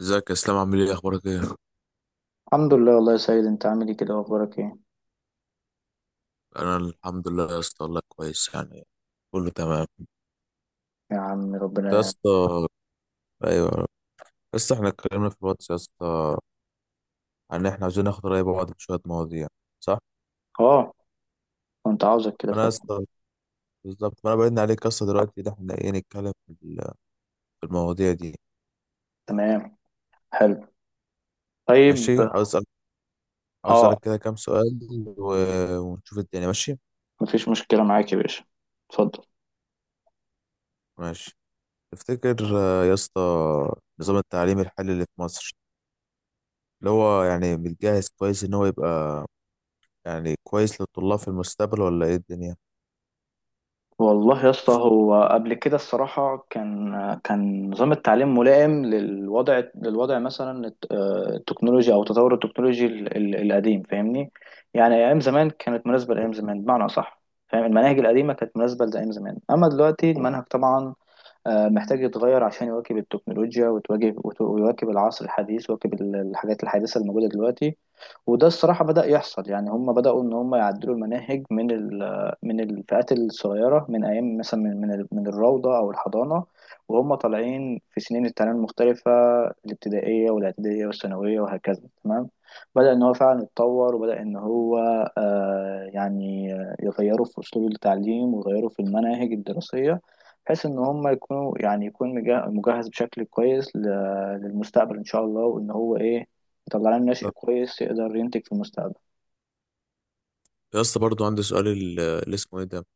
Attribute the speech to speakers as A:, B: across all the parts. A: ازيك يا اسلام؟ عامل ايه؟ اخبارك ايه؟
B: الحمد لله والله يا سيد، انت عامل ايه كده واخبارك ايه؟
A: انا الحمد لله يا اسطى والله كويس يعني. كله تمام.
B: يا عم ربنا
A: يا
B: يعني.
A: اسطى ايوه يا اسطى، احنا اتكلمنا في الواتس يا اسطى، عن ان احنا عاوزين ناخد رأي بعض في شويه مواضيع، صح.
B: اه، كنت عاوزك كده
A: فانا يا
B: فعلا.
A: اسطى بالظبط، فانا بعدنا عليك يا اسطى دلوقتي ده، احنا ايه، نتكلم في المواضيع دي.
B: تمام، حلو، طيب.
A: ماشي، عاوز اسالك، عاوز
B: اه،
A: اسالك كده كام سؤال، ونشوف الدنيا ماشي.
B: مفيش مشكلة معاك يا باشا، اتفضل.
A: ماشي، تفتكر يا اسطى نظام التعليم الحالي اللي في مصر، اللي هو يعني متجهز كويس ان هو يبقى يعني كويس للطلاب في المستقبل، ولا ايه الدنيا؟
B: والله يا اسطى، هو قبل كده الصراحة كان نظام التعليم ملائم للوضع مثلا التكنولوجيا او تطور التكنولوجي القديم، فاهمني. يعني ايام زمان كانت مناسبة لايام زمان بمعنى اصح. فاهم، المناهج القديمة كانت مناسبة لايام زمان، اما دلوقتي المنهج طبعا محتاج يتغير عشان يواكب التكنولوجيا وتواجه ويواكب العصر الحديث ويواكب الحاجات الحديثة الموجودة دلوقتي. وده الصراحة بدأ يحصل يعني، هم بدأوا إن هم يعدلوا المناهج من الفئات الصغيرة، من أيام مثلا من الروضة أو الحضانة. وهم طالعين في سنين التعليم المختلفة: الابتدائية والإعدادية والثانوية وهكذا، تمام. بدأ إن هو فعلا يتطور، وبدأ إن هو يعني يغيروا في أسلوب التعليم ويغيروا في المناهج الدراسية، بحيث إن هم يكونوا يعني يكون مجهز بشكل كويس للمستقبل إن شاء الله. وإن هو إيه، يطلع لنا ناشئ
A: طب
B: كويس يقدر ينتج في المستقبل.
A: يا اسطى برضو عندي سؤال، اللي اسمه ايه ده،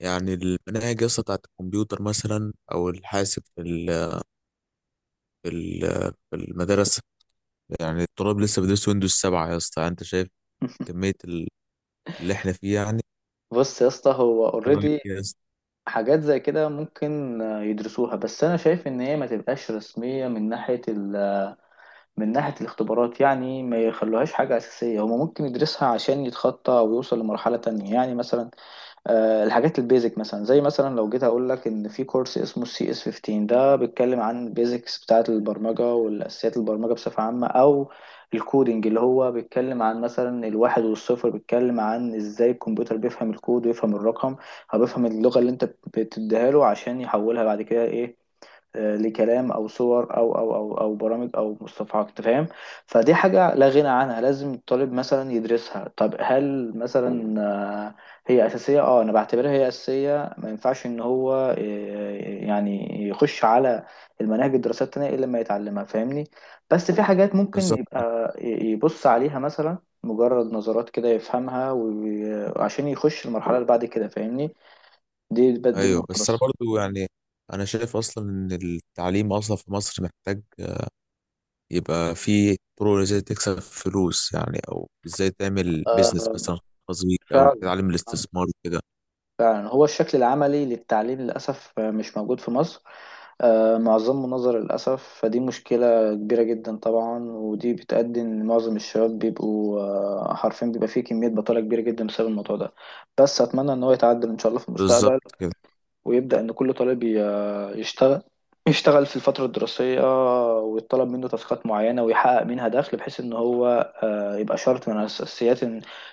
A: يعني المناهج يا اسطى بتاعت الكمبيوتر مثلا، او الحاسب في المدرسه، يعني الطلاب لسه بيدرسوا ويندوز 7 يا اسطى، انت شايف كميه اللي احنا فيه يعني؟
B: بص يا اسطى، هو
A: طبعاً
B: اوريدي
A: يا اسطى.
B: حاجات زي كده ممكن يدرسوها، بس انا شايف ان هي ما تبقاش رسميه من ناحيه من ناحيه الاختبارات يعني، ما يخلوهاش حاجه اساسيه. هما ممكن يدرسها عشان يتخطى ويوصل لمرحله تانية يعني، مثلا الحاجات البيزك. مثلا زي مثلا لو جيت اقول لك ان في كورس اسمه CS 15، ده بيتكلم عن البيزكس بتاعه البرمجه والاساسيات البرمجه بصفه عامه، او الكودينج اللي هو بيتكلم عن مثلا الواحد والصفر، بيتكلم عن ازاي الكمبيوتر بيفهم الكود ويفهم الرقم، او بيفهم اللغه اللي انت بتديها له عشان يحولها بعد كده ايه، لكلام او صور او برامج او مصطلحات، انت فاهم. فدي حاجه لا غنى عنها، لازم الطالب مثلا يدرسها. طب هل مثلا آه، هي اساسيه؟ اه، انا بعتبرها هي اساسيه. ما ينفعش ان هو آه، يعني يخش على المناهج الدراسات التانية الا لما يتعلمها، فاهمني. بس في حاجات ممكن
A: بالظبط.
B: يبقى يبص عليها مثلا مجرد نظرات كده يفهمها وعشان يخش المرحله اللي بعد كده، فاهمني. دي
A: ايوه
B: النقطه
A: بس انا
B: بس.
A: برضو يعني، انا شايف اصلا ان التعليم اصلا في مصر محتاج يبقى في طرق ازاي تكسب فلوس يعني، او ازاي تعمل بيزنس
B: آه،
A: مثلا خاص بيك، او
B: فعلا
A: تتعلم الاستثمار كده.
B: فعلا، هو الشكل العملي للتعليم للأسف مش موجود في مصر. معظمه نظر للأسف. فدي مشكلة كبيرة جدا طبعا، ودي بتؤدي إن معظم الشباب بيبقوا حرفيا بيبقى فيه كمية بطالة كبيرة جدا بسبب الموضوع ده. بس أتمنى إن هو يتعدل إن شاء الله في المستقبل،
A: بالظبط كده.
B: ويبدأ إن كل طالب يشتغل. يشتغل في الفترة الدراسية ويطلب منه تاسكات معينة ويحقق منها دخل، بحيث إن هو يبقى شرط من أساسيات،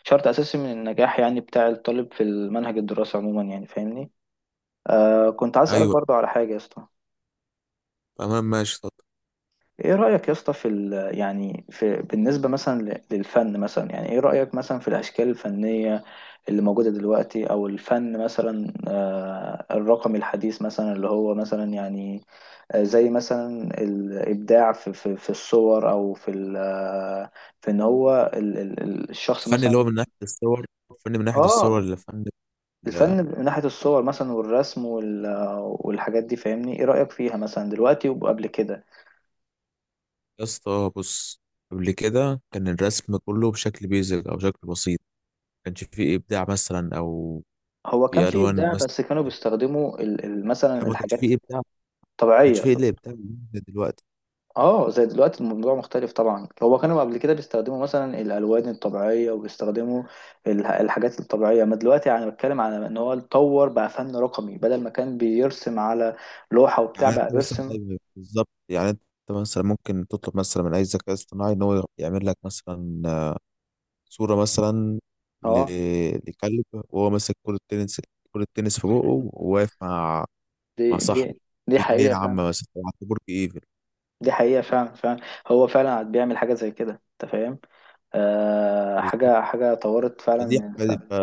B: شرط أساسي من النجاح يعني بتاع الطالب في المنهج الدراسي عموما يعني، فاهمني. كنت عايز أسألك
A: ايوه
B: برضه على حاجة يا اسطى.
A: تمام ماشي. طب
B: إيه رأيك يا اسطى في ال يعني في بالنسبة مثلا للفن مثلا؟ يعني إيه رأيك مثلا في الأشكال الفنية اللي موجودة دلوقتي، أو الفن مثلا الرقمي الحديث، مثلا اللي هو مثلا يعني زي مثلا الابداع في الصور، او في في ان هو الشخص
A: الفن اللي هو
B: مثلا.
A: من ناحيه الصور، الفن من ناحيه الصور
B: اه،
A: اللي فن ال-
B: الفن من ناحيه الصور مثلا، والرسم والحاجات دي، فاهمني، ايه رايك فيها مثلا دلوقتي وقبل كده؟
A: يا اسطى بص، قبل كده كان الرسم كله بشكل بيزك او شكل بسيط، ما كانش فيه ابداع مثلا، او
B: هو كان
A: في
B: فيه
A: الوان
B: ابداع،
A: مثلا،
B: بس كانوا بيستخدموا مثلا
A: ما كانش
B: الحاجات
A: فيه ابداع، ما كانش
B: طبيعيه.
A: فيه الا ابداع دلوقتي.
B: اه زي دلوقتي الموضوع مختلف طبعا. هو كانوا قبل كده بيستخدموا مثلا الالوان الطبيعيه، وبيستخدموا الحاجات الطبيعيه. ما دلوقتي يعني بتكلم على ان هو اتطور بقى فن رقمي، بدل ما كان بيرسم على لوحه وبتاع
A: يعني انت
B: بقى
A: مثلا،
B: بيرسم.
A: ايوه بالظبط، يعني انت مثلا ممكن تطلب مثلا من اي ذكاء اصطناعي ان هو يعمل لك مثلا صوره مثلا،
B: اه،
A: لكلب وهو ماسك كرة تنس، كرة تنس في بقه، وواقف مع
B: دي
A: مع
B: دي
A: صاحبه
B: دي
A: في
B: حقيقه
A: جنينة
B: فعلا.
A: عامة مثلا، أو عند برج ايفل.
B: دي حقيقه فعلا فعلا. هو فعلا بيعمل حاجه زي كده، انت فاهم. آه،
A: بالظبط.
B: حاجه طورت فعلا
A: فدي
B: من
A: حاجة-
B: الفن.
A: ف-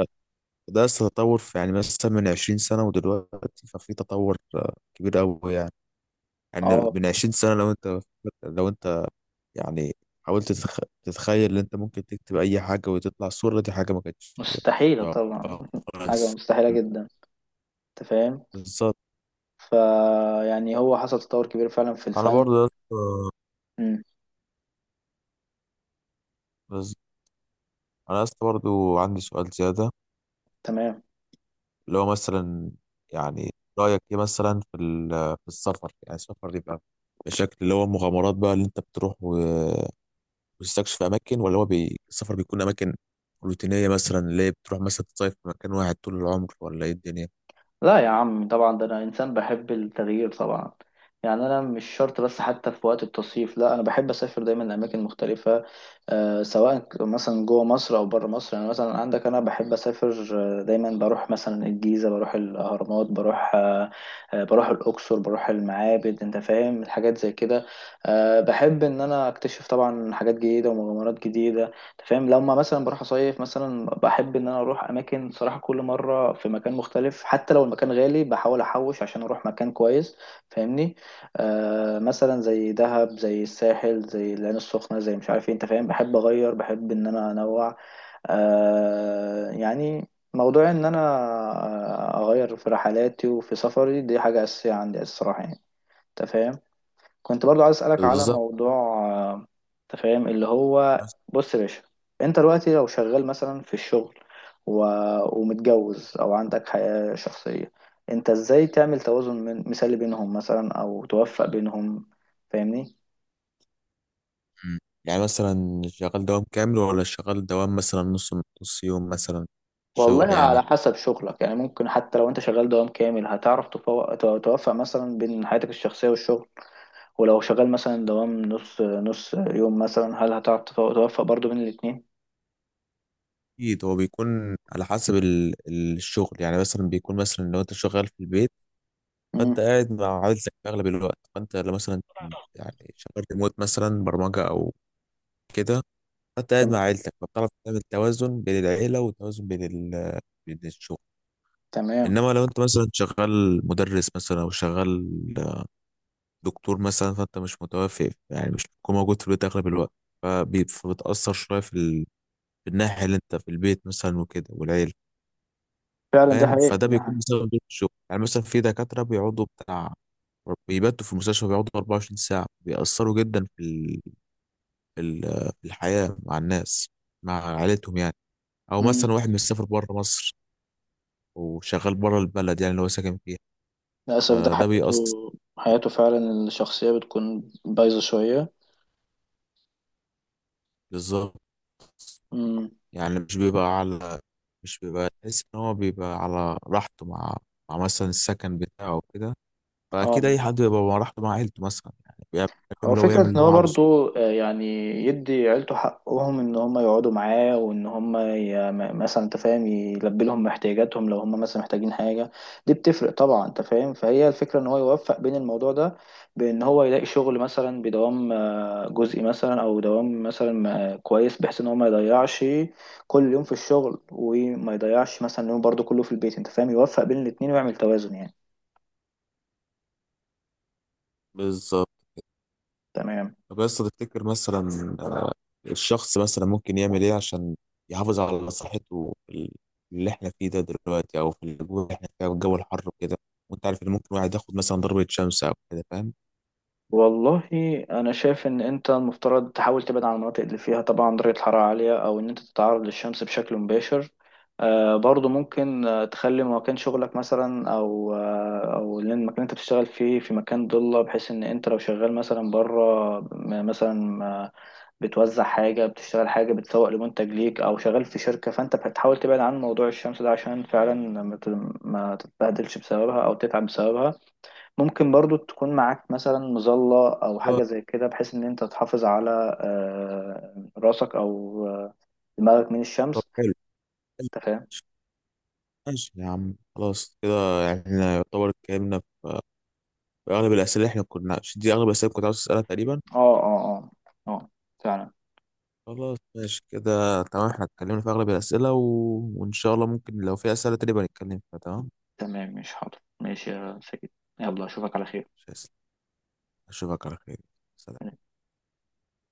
A: فده لسه تطور في يعني مثلا من 20 سنة ودلوقتي، ففي تطور كبير قوي يعني. يعني
B: اه
A: من 20 سنة، لو انت لو انت يعني تتخيل ان انت ممكن تكتب اي حاجه وتطلع الصوره، دي حاجه ما كانتش
B: مستحيله طبعا
A: متوقعة
B: حاجه
A: خالص.
B: مستحيله جدا، انت فاهم.
A: بالظبط.
B: فيعني هو حصل تطور كبير فعلا في
A: انا
B: الفن.
A: برضو يا اسطى-
B: مم.
A: بز- انا لسه برضو عندي سؤال زياده،
B: تمام.
A: اللي هو مثلا يعني رايك ايه مثلا في السفر، يعني السفر يبقى بشكل اللي هو مغامرات بقى، اللي انت بتروح وتستكشف اماكن، السفر بيكون اماكن روتينيه مثلا، اللي هي بتروح مثلا تصيف في مكان واحد طول العمر، ولا ايه الدنيا؟
B: لا يا عم، طبعا ده انا انسان بحب التغيير طبعا. يعني انا مش شرط، بس حتى في وقت التصيف لا، انا بحب اسافر دايما لاماكن مختلفه. آه، سواء مثلا جوه مصر او بره مصر. يعني مثلا عندك، انا بحب اسافر دايما. بروح مثلا الجيزه، بروح الاهرامات، بروح بروح الاقصر، بروح المعابد، انت فاهم، الحاجات زي كده. آه، بحب ان انا اكتشف طبعا حاجات جديده ومغامرات جديده. أنت فاهم، لما مثلا بروح اصيف مثلا، بحب ان انا اروح اماكن صراحه كل مره في مكان مختلف. حتى لو المكان غالي بحاول احوش عشان اروح مكان كويس، فاهمني. آه، مثلا زي دهب، زي الساحل، زي العين السخنه، زي مش عارف ايه، انت فاهم. بحب اغير، بحب ان انا انوع، يعني موضوع ان انا اغير في رحلاتي وفي سفري. دي حاجه اساسيه عندي الصراحه يعني، انت فاهم. كنت برضو عايز اسالك على
A: بالظبط.
B: موضوع، آه، انت فاهم، اللي هو بص يا باشا، انت دلوقتي لو شغال مثلا في الشغل و... ومتجوز او عندك حياة شخصية، انت ازاي تعمل توازن مثالي بينهم مثلا او توفق بينهم، فاهمني؟
A: مم. يعني مثلا شغال دوام كامل، ولا شغال دوام مثلا نص، نص يوم مثلا،
B: والله
A: شغل
B: على
A: يعني.
B: حسب شغلك يعني. ممكن حتى لو انت شغال دوام كامل هتعرف توفق مثلا بين حياتك الشخصية والشغل. ولو شغال مثلا دوام نص نص يوم مثلا، هل هتعرف توفق برضو بين الاتنين؟
A: اكيد هو بيكون على حسب الشغل، يعني مثلا بيكون مثلا لو انت شغال في البيت،
B: مم.
A: فانت قاعد مع عائلتك في اغلب الوقت، فانت لو مثلا يعني شغال ريموت مثلا، برمجة او كده، فانت قاعد مع
B: تمام.
A: عائلتك فبتعرف تعمل توازن بين العيلة، وتوازن بين ال- بين الشغل.
B: تمام،
A: انما لو انت مثلا شغال مدرس مثلا، او شغال دكتور مثلا، فانت مش متوافق، يعني مش بتكون موجود في البيت اغلب الوقت، فبتأثر شوية في الناحية اللي انت في البيت مثلا وكده والعيلة،
B: فعلا، دي
A: فاهم.
B: حقيقة
A: فده
B: دي
A: بيكون
B: حقيقة.
A: بسبب ضغط الشغل، يعني مثلا في دكاترة بيقعدوا بتاع، بيباتوا في المستشفى، بيقعدوا 24 ساعة، بيأثروا جدا في ال... في الحياة مع الناس، مع عائلتهم يعني. أو مثلا
B: مم.
A: واحد مسافر بره مصر، وشغال بره البلد يعني اللي هو ساكن فيها،
B: للأسف ده
A: فده
B: حياته.
A: بيأثر.
B: حياته فعلا الشخصية بتكون بايظة شوية.
A: بالظبط.
B: مم.
A: يعني مش بيبقى على مش بيبقى تحس ان هو بيبقى على راحته مع مع مثلا السكن بتاعه وكده.
B: اه،
A: فاكيد اي حد بيبقى على راحته مع عيلته مثلا، يعني بيعمل
B: هو
A: اللي هو
B: فكرة
A: يعمل
B: ان
A: اللي هو
B: هو
A: عاوزه.
B: برضو يعني يدي عيلته حقهم ان هم يقعدوا معاه، وان هم مثلا، انت فاهم، يلبي لهم احتياجاتهم لو هم مثلا محتاجين حاجة. دي بتفرق طبعا، انت فاهم. فهي الفكرة ان هو يوفق بين الموضوع ده، بان هو يلاقي شغل مثلا بدوام جزئي مثلا، او دوام مثلا كويس، بحيث ان هو ما يضيعش كل يوم في الشغل، وما يضيعش مثلا يوم برضو كله في البيت، انت فاهم، يوفق بين الاتنين ويعمل توازن يعني.
A: بالظبط.
B: تمام.
A: طب بس تفتكر مثلا، آه، الشخص مثلا ممكن يعمل ايه عشان يحافظ على صحته في اللي احنا فيه ده دلوقتي، او في الجو اللي احنا فيه، أو الجو الحر وكده، وانت عارف ان ممكن واحد ياخد مثلا ضربة شمس او كده، فاهم.
B: والله، انا شايف ان انت المفترض تحاول تبعد عن المناطق اللي فيها طبعا درجة حرارة عالية، او ان انت تتعرض للشمس بشكل مباشر. آه برضو ممكن تخلي مكان شغلك مثلا، او او لأن المكان اللي انت بتشتغل فيه في مكان ضلة. بحيث ان انت لو شغال مثلا بره، مثلا بتوزع حاجة، بتشتغل حاجة، بتسوق لمنتج ليك، او شغال في شركة، فانت بتحاول تبعد عن موضوع الشمس ده عشان فعلا ما تت- ما تتبهدلش بسببها او تتعب بسببها. ممكن برضو تكون معاك مثلا مظلة أو حاجة
A: خلاص،
B: زي كده، بحيث إن أنت تحافظ على راسك أو دماغك من
A: طب
B: الشمس.
A: حلو، حلو،
B: أنت فاهم؟
A: ماشي يا عم، خلاص كده، يعني احنا يعتبر اتكلمنا اغلب الاسئله اللي احنا كنا، دي اغلب الاسئله اللي كنت عاوز اسالها تقريبا.
B: أه أه أه أه، فعلا.
A: خلاص ماشي كده تمام، احنا اتكلمنا في اغلب الاسئله، وان شاء الله ممكن لو في اسئله تانية بقى نتكلم فيها. تمام
B: تمام، مش حاضر، ماشي يا سيد. يلا أشوفك على خير.
A: ماشي، اشوفك على خير. سلام.